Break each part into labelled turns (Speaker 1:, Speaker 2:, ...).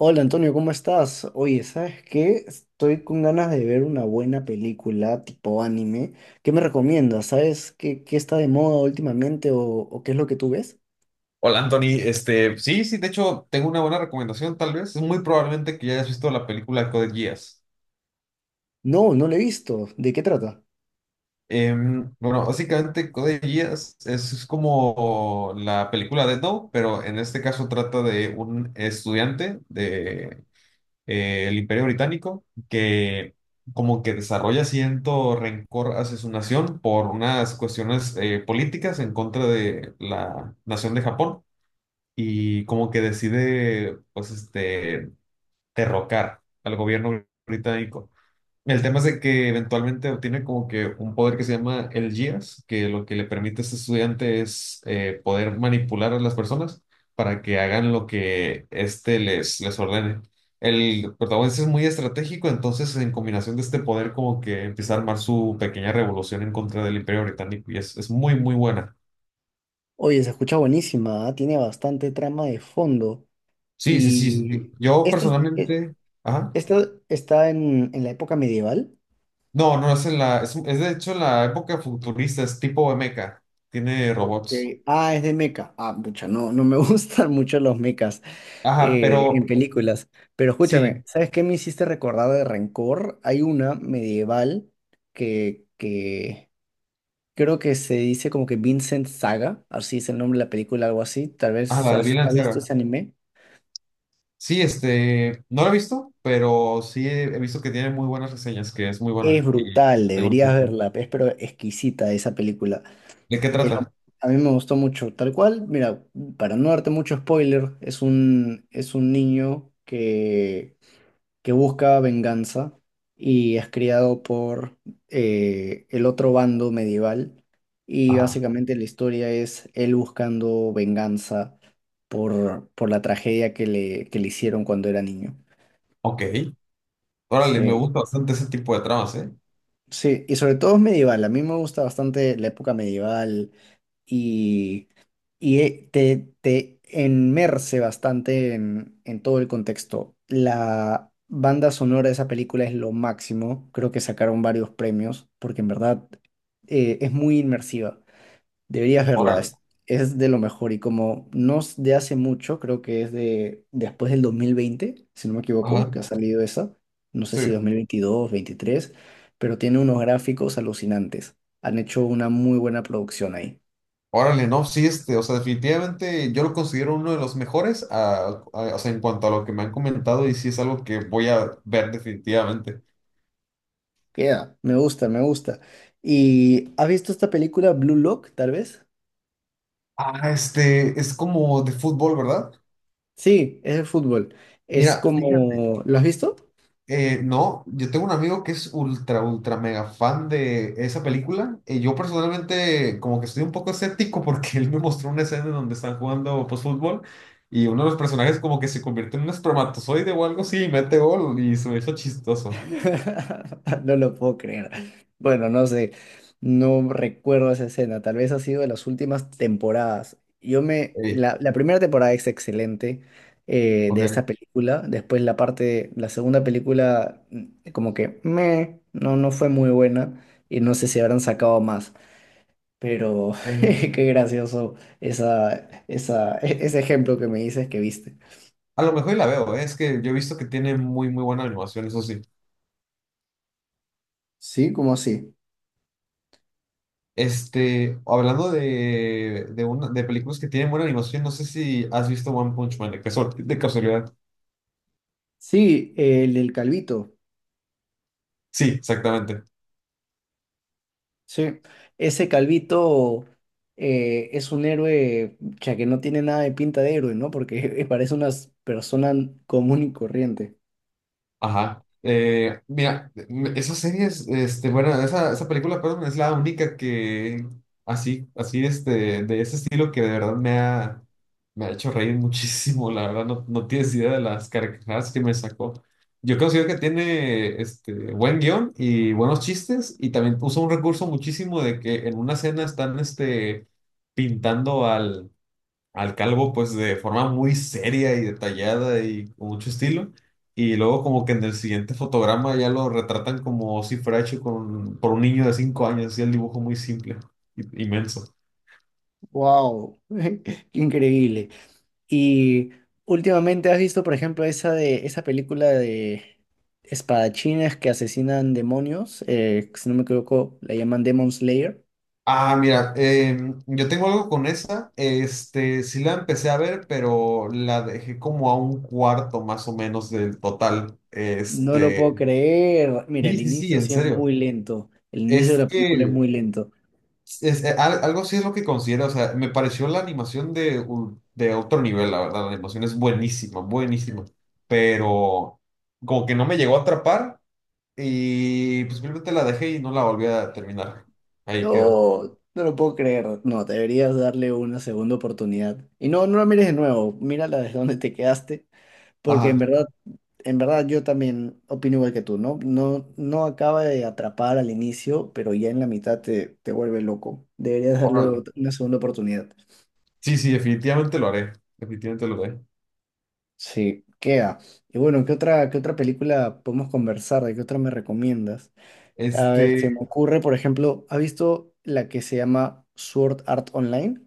Speaker 1: Hola Antonio, ¿cómo estás? Oye, ¿sabes qué? Estoy con ganas de ver una buena película tipo anime. ¿Qué me recomiendas? ¿Sabes qué, qué está de moda últimamente o qué es lo que tú ves?
Speaker 2: Hola Anthony, de hecho tengo una buena recomendación tal vez, es muy probablemente que ya hayas visto la película Code Geass.
Speaker 1: No, no lo he visto. ¿De qué trata?
Speaker 2: Bueno, básicamente Code Geass es como la película de No, pero en este caso trata de un estudiante de el Imperio Británico que como que desarrolla cierto rencor hacia su nación por unas cuestiones políticas en contra de la nación de Japón y como que decide, pues, derrocar al gobierno británico. El tema es de que eventualmente obtiene como que un poder que se llama el GIAS, que lo que le permite a este estudiante es poder manipular a las personas para que hagan lo que éste les ordene. El protagonista es muy estratégico, entonces en combinación de este poder como que empieza a armar su pequeña revolución en contra del Imperio Británico y es muy, muy buena.
Speaker 1: Oye, se escucha buenísima, ¿ah? Tiene bastante trama de fondo.
Speaker 2: Sí, sí, sí, sí. Sí.
Speaker 1: Y
Speaker 2: Yo
Speaker 1: este, es- e-
Speaker 2: personalmente... Ajá.
Speaker 1: esta está en la época medieval.
Speaker 2: No, no, es de hecho en la época futurista, es tipo mecha, tiene
Speaker 1: Ok.
Speaker 2: robots.
Speaker 1: Ah, es de mecha. Ah, mucha, no, no me gustan mucho los mechas.
Speaker 2: Ajá,
Speaker 1: En
Speaker 2: pero
Speaker 1: películas. Pero
Speaker 2: sí,
Speaker 1: escúchame, ¿sabes qué me hiciste recordar de Rencor? Hay una medieval que creo que se dice como que Vincent Saga, así es el nombre de la película, algo así. Tal
Speaker 2: ajá,
Speaker 1: vez
Speaker 2: la de
Speaker 1: has,
Speaker 2: Vinland
Speaker 1: has visto
Speaker 2: Saga.
Speaker 1: ese anime.
Speaker 2: Sí, no la he visto, pero he visto que tiene muy buenas reseñas, que es muy
Speaker 1: Es
Speaker 2: buena. Y
Speaker 1: brutal,
Speaker 2: tengo...
Speaker 1: deberías verla, es pero exquisita esa película.
Speaker 2: ¿De qué
Speaker 1: Es lo-
Speaker 2: trata?
Speaker 1: a mí me gustó mucho. Tal cual, mira, para no darte mucho spoiler, es un niño que busca venganza y es criado por el otro bando medieval. Y
Speaker 2: Ajá,
Speaker 1: básicamente la historia es él buscando venganza por la tragedia que le hicieron cuando era niño.
Speaker 2: ok. Órale, me
Speaker 1: Sí,
Speaker 2: gusta bastante ese tipo de tramas, ¿eh?
Speaker 1: sí, y sobre todo es medieval. A mí me gusta bastante la época medieval, y, y te enmerce bastante en todo el contexto. La banda sonora de esa película es lo máximo, creo que sacaron varios premios, porque en verdad es muy inmersiva. Deberías verla,
Speaker 2: Órale.
Speaker 1: es de lo mejor, y como no es de hace mucho, creo que es de después del 2020, si no me equivoco,
Speaker 2: Ajá,
Speaker 1: que ha salido esa, no sé
Speaker 2: sí.
Speaker 1: si 2022, 23, pero tiene unos gráficos alucinantes. Han hecho una muy buena producción ahí.
Speaker 2: Órale, no, sí, o sea, definitivamente yo lo considero uno de los mejores, o sea, en cuanto a lo que me han comentado y sí es algo que voy a ver definitivamente.
Speaker 1: Queda, me gusta, me gusta. ¿Y has visto esta película Blue Lock, tal vez?
Speaker 2: Ah, es como de fútbol, ¿verdad?
Speaker 1: Sí, es de fútbol. Es
Speaker 2: Mira, fíjate,
Speaker 1: como... ¿Lo has visto?
Speaker 2: no, yo tengo un amigo que es ultra mega fan de esa película y yo personalmente como que estoy un poco escéptico porque él me mostró una escena en donde están jugando pues fútbol y uno de los personajes como que se convierte en un espermatozoide o algo así y mete gol y se me hizo chistoso.
Speaker 1: No lo puedo creer. Bueno, no sé, no recuerdo esa escena. Tal vez ha sido de las últimas temporadas. Yo me...
Speaker 2: Eh,
Speaker 1: La primera temporada es excelente de esta
Speaker 2: ok.
Speaker 1: película. Después la parte, la segunda película, no, no fue muy buena. Y no sé si habrán sacado más. Pero
Speaker 2: Eh,
Speaker 1: qué gracioso esa, ese ejemplo que me dices que viste.
Speaker 2: A lo mejor y la veo, es que yo he visto que tiene muy, muy buena animación, eso sí.
Speaker 1: Sí, ¿cómo así?
Speaker 2: Hablando de películas que tienen buena animación, no sé si has visto One Punch Man, de casualidad.
Speaker 1: Sí, el del Calvito.
Speaker 2: Sí, exactamente.
Speaker 1: Sí, ese Calvito es un héroe, ya que no tiene nada de pinta de héroe, ¿no? Porque parece una persona común y corriente.
Speaker 2: Ajá. Mira, esa serie es, este, bueno, esa, película, perdón, es la única que así, de ese estilo que de verdad me ha hecho reír muchísimo, la verdad, no tienes idea de las carcajadas que me sacó. Yo considero que tiene, buen guión y buenos chistes y también usa un recurso muchísimo de que en una escena están, pintando al calvo pues de forma muy seria y detallada y con mucho estilo. Y luego como que en el siguiente fotograma ya lo retratan como si fuera hecho con, por un niño de 5 años, así el dibujo muy simple, inmenso.
Speaker 1: ¡Wow! ¡Increíble! Y últimamente has visto, por ejemplo, esa película de espadachines que asesinan demonios, si no me equivoco, la llaman Demon Slayer.
Speaker 2: Ah, mira, yo tengo algo con esa, sí la empecé a ver, pero la dejé como a un cuarto más o menos del total,
Speaker 1: No lo puedo creer. Mira,
Speaker 2: sí,
Speaker 1: el
Speaker 2: sí, sí,
Speaker 1: inicio
Speaker 2: en
Speaker 1: sí es
Speaker 2: serio,
Speaker 1: muy lento. El inicio de
Speaker 2: es
Speaker 1: la película es
Speaker 2: que
Speaker 1: muy lento.
Speaker 2: es- al- algo así es lo que considero, o sea, me pareció la animación de otro nivel, la verdad, la animación es buenísima, buenísima, pero como que no me llegó a atrapar y pues simplemente la dejé y no la volví a terminar. Ahí quedó.
Speaker 1: No, no lo puedo creer. No, deberías darle una segunda oportunidad. Y no, no la mires de nuevo. Mírala desde donde te quedaste. Porque
Speaker 2: Ajá,
Speaker 1: en verdad yo también opino igual que tú, ¿no? No, no acaba de atrapar al inicio, pero ya en la mitad te, te vuelve loco. Deberías darle
Speaker 2: órale.
Speaker 1: una segunda oportunidad.
Speaker 2: Sí, sí, definitivamente lo haré, definitivamente lo haré.
Speaker 1: Sí, queda. Y bueno, qué otra película podemos conversar? ¿De qué otra me recomiendas? A ver, se
Speaker 2: Este,
Speaker 1: me ocurre, por ejemplo, ¿has visto la que se llama Sword Art Online?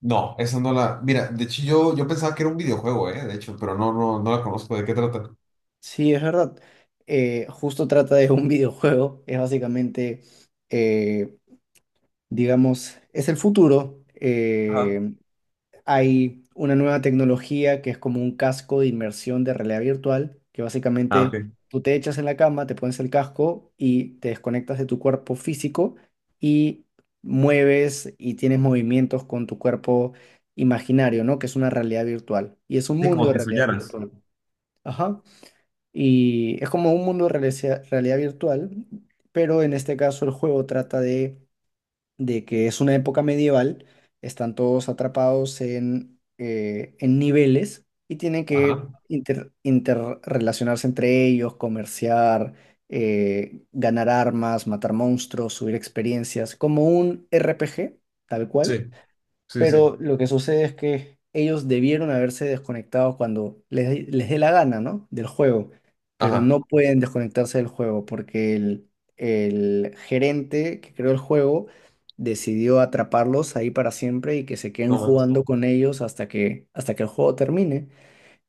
Speaker 2: no, esa no la, mira, de hecho yo pensaba que era un videojuego, de hecho, pero no, no, no la conozco, ¿de qué trata?
Speaker 1: Sí, es verdad. Justo trata de un videojuego. Es básicamente eh, digamos, es el futuro.
Speaker 2: Ajá.
Speaker 1: Hay una nueva tecnología que es como un casco de inmersión de realidad virtual, que
Speaker 2: Ah, ok.
Speaker 1: básicamente tú te echas en la cama, te pones el casco y te desconectas de tu cuerpo físico y mueves y tienes movimientos con tu cuerpo imaginario, ¿no? Que es una realidad virtual. Y es un
Speaker 2: Sí,
Speaker 1: mundo
Speaker 2: como
Speaker 1: de
Speaker 2: si
Speaker 1: realidad
Speaker 2: soñaras.
Speaker 1: virtual. Ajá. Y es como un mundo de realidad virtual, pero en este caso el juego trata de que es una época medieval, están todos atrapados en niveles y tienen que
Speaker 2: Ajá.
Speaker 1: interrelacionarse entre ellos, comerciar, ganar armas, matar monstruos, subir experiencias, como un RPG, tal cual,
Speaker 2: Sí, sí, sí.
Speaker 1: pero lo que sucede es que ellos debieron haberse desconectado cuando les dé la gana, ¿no? Del juego, pero
Speaker 2: Ajá.
Speaker 1: no pueden desconectarse del juego porque el gerente que creó el juego decidió atraparlos ahí para siempre y que se queden
Speaker 2: No más.
Speaker 1: jugando con ellos hasta que el juego termine.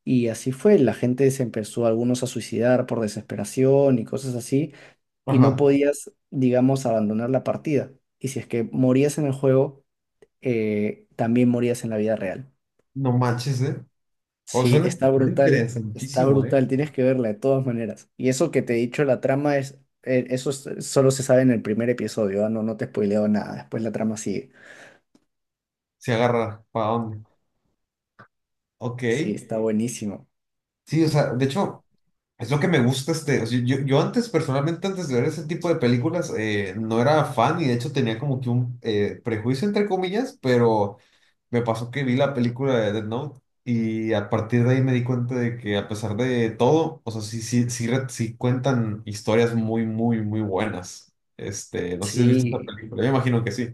Speaker 1: Y así fue, la gente se empezó algunos a suicidar por desesperación y cosas así, y no
Speaker 2: Ajá,
Speaker 1: podías, digamos, abandonar la partida. Y si es que morías en el juego, también morías en la vida real.
Speaker 2: no manches, ¿eh? O sea,
Speaker 1: Sí,
Speaker 2: suena
Speaker 1: está
Speaker 2: interesantísimo, ¿eh?
Speaker 1: brutal, tienes que verla de todas maneras. Y eso que te he dicho, la trama es, solo se sabe en el primer episodio, ah, no, no te he spoileado nada, después la trama sigue.
Speaker 2: Se agarra, ¿para dónde? Ok,
Speaker 1: Sí, está buenísimo.
Speaker 2: sí, o sea, de hecho, es lo que me gusta o sea, yo antes, personalmente, antes de ver ese tipo de películas, no era fan y de hecho tenía como que un prejuicio, entre comillas, pero me pasó que vi la película de Death Note y a partir de ahí me di cuenta de que a pesar de todo, o sea, sí, sí, sí, sí cuentan historias muy, muy, muy buenas. No sé si has visto esta
Speaker 1: Sí,
Speaker 2: película, yo me imagino que sí.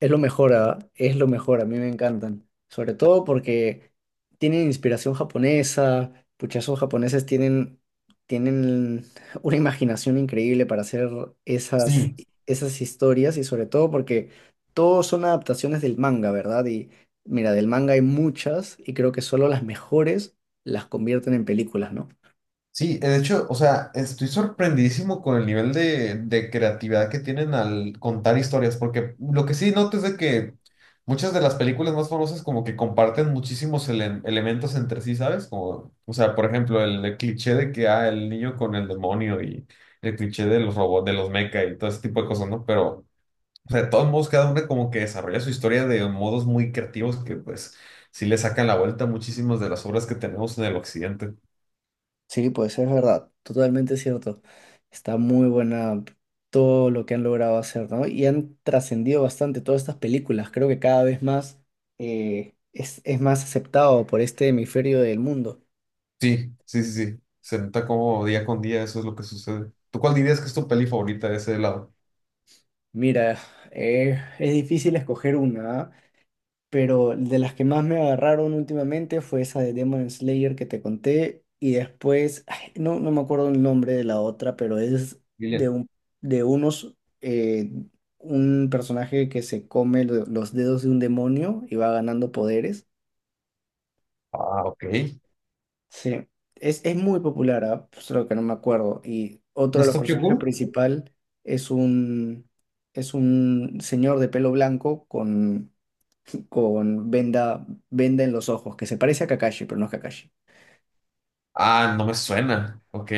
Speaker 1: es lo mejor, ah, es lo mejor, a mí me encantan. Sobre todo porque tienen inspiración japonesa, pucha, esos japoneses tienen, tienen una imaginación increíble para hacer esas,
Speaker 2: Sí,
Speaker 1: esas historias y sobre todo porque todos son adaptaciones del manga, ¿verdad? Y mira, del manga hay muchas y creo que solo las mejores las convierten en películas, ¿no?
Speaker 2: sí, de hecho, o sea, estoy sorprendidísimo con el nivel de creatividad que tienen al contar historias, porque lo que sí noto es de que muchas de las películas más famosas como que comparten muchísimos elementos entre sí, ¿sabes? Como, o sea, por ejemplo, el cliché de que, ah, el niño con el demonio y el cliché de los robots, de los mecha y todo ese tipo de cosas, ¿no? Pero, o sea, de todos modos, cada hombre como que desarrolla su historia de modos muy creativos que, pues, sí le sacan la vuelta a muchísimas de las obras que tenemos en el occidente.
Speaker 1: Sí, pues es verdad, totalmente cierto. Está muy buena todo lo que han logrado hacer, ¿no? Y han trascendido bastante todas estas películas. Creo que cada vez más es más aceptado por este hemisferio del mundo.
Speaker 2: Sí, sí, sí, sí. Se nota como día con día eso es lo que sucede. ¿Tú cuál dirías que es tu peli favorita de ese lado?
Speaker 1: Mira, es difícil escoger una, ¿ah? Pero de las que más me agarraron últimamente fue esa de Demon Slayer que te conté, y después, ay, no, no me acuerdo el nombre de la otra, pero es de,
Speaker 2: Gillian.
Speaker 1: un, de un personaje que se come los dedos de un demonio y va ganando poderes.
Speaker 2: Ah, ok.
Speaker 1: Sí, es muy popular, ah, solo que no me acuerdo. Y otro
Speaker 2: ¿No
Speaker 1: de
Speaker 2: es
Speaker 1: los
Speaker 2: Tokyo
Speaker 1: personajes
Speaker 2: Ghoul?
Speaker 1: principal es un, es un señor de pelo blanco con venda en los ojos, que se parece a Kakashi, pero no es Kakashi.
Speaker 2: Ah, no me suena. Ok.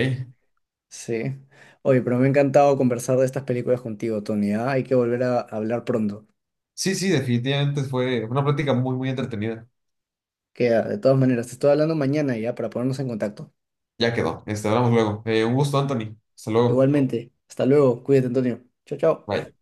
Speaker 1: Sí. Oye, pero me ha encantado conversar de estas películas contigo, Tony. ¿Ah? Hay que volver a hablar pronto.
Speaker 2: Sí, sí, definitivamente fue una plática muy, muy entretenida.
Speaker 1: Queda, de todas maneras, te estoy hablando mañana ya para ponernos en contacto.
Speaker 2: Ya quedó. Hablamos luego. Un gusto, Anthony. Hasta luego.
Speaker 1: Igualmente, hasta luego. Cuídate, Antonio. Chao, chao.
Speaker 2: Bye.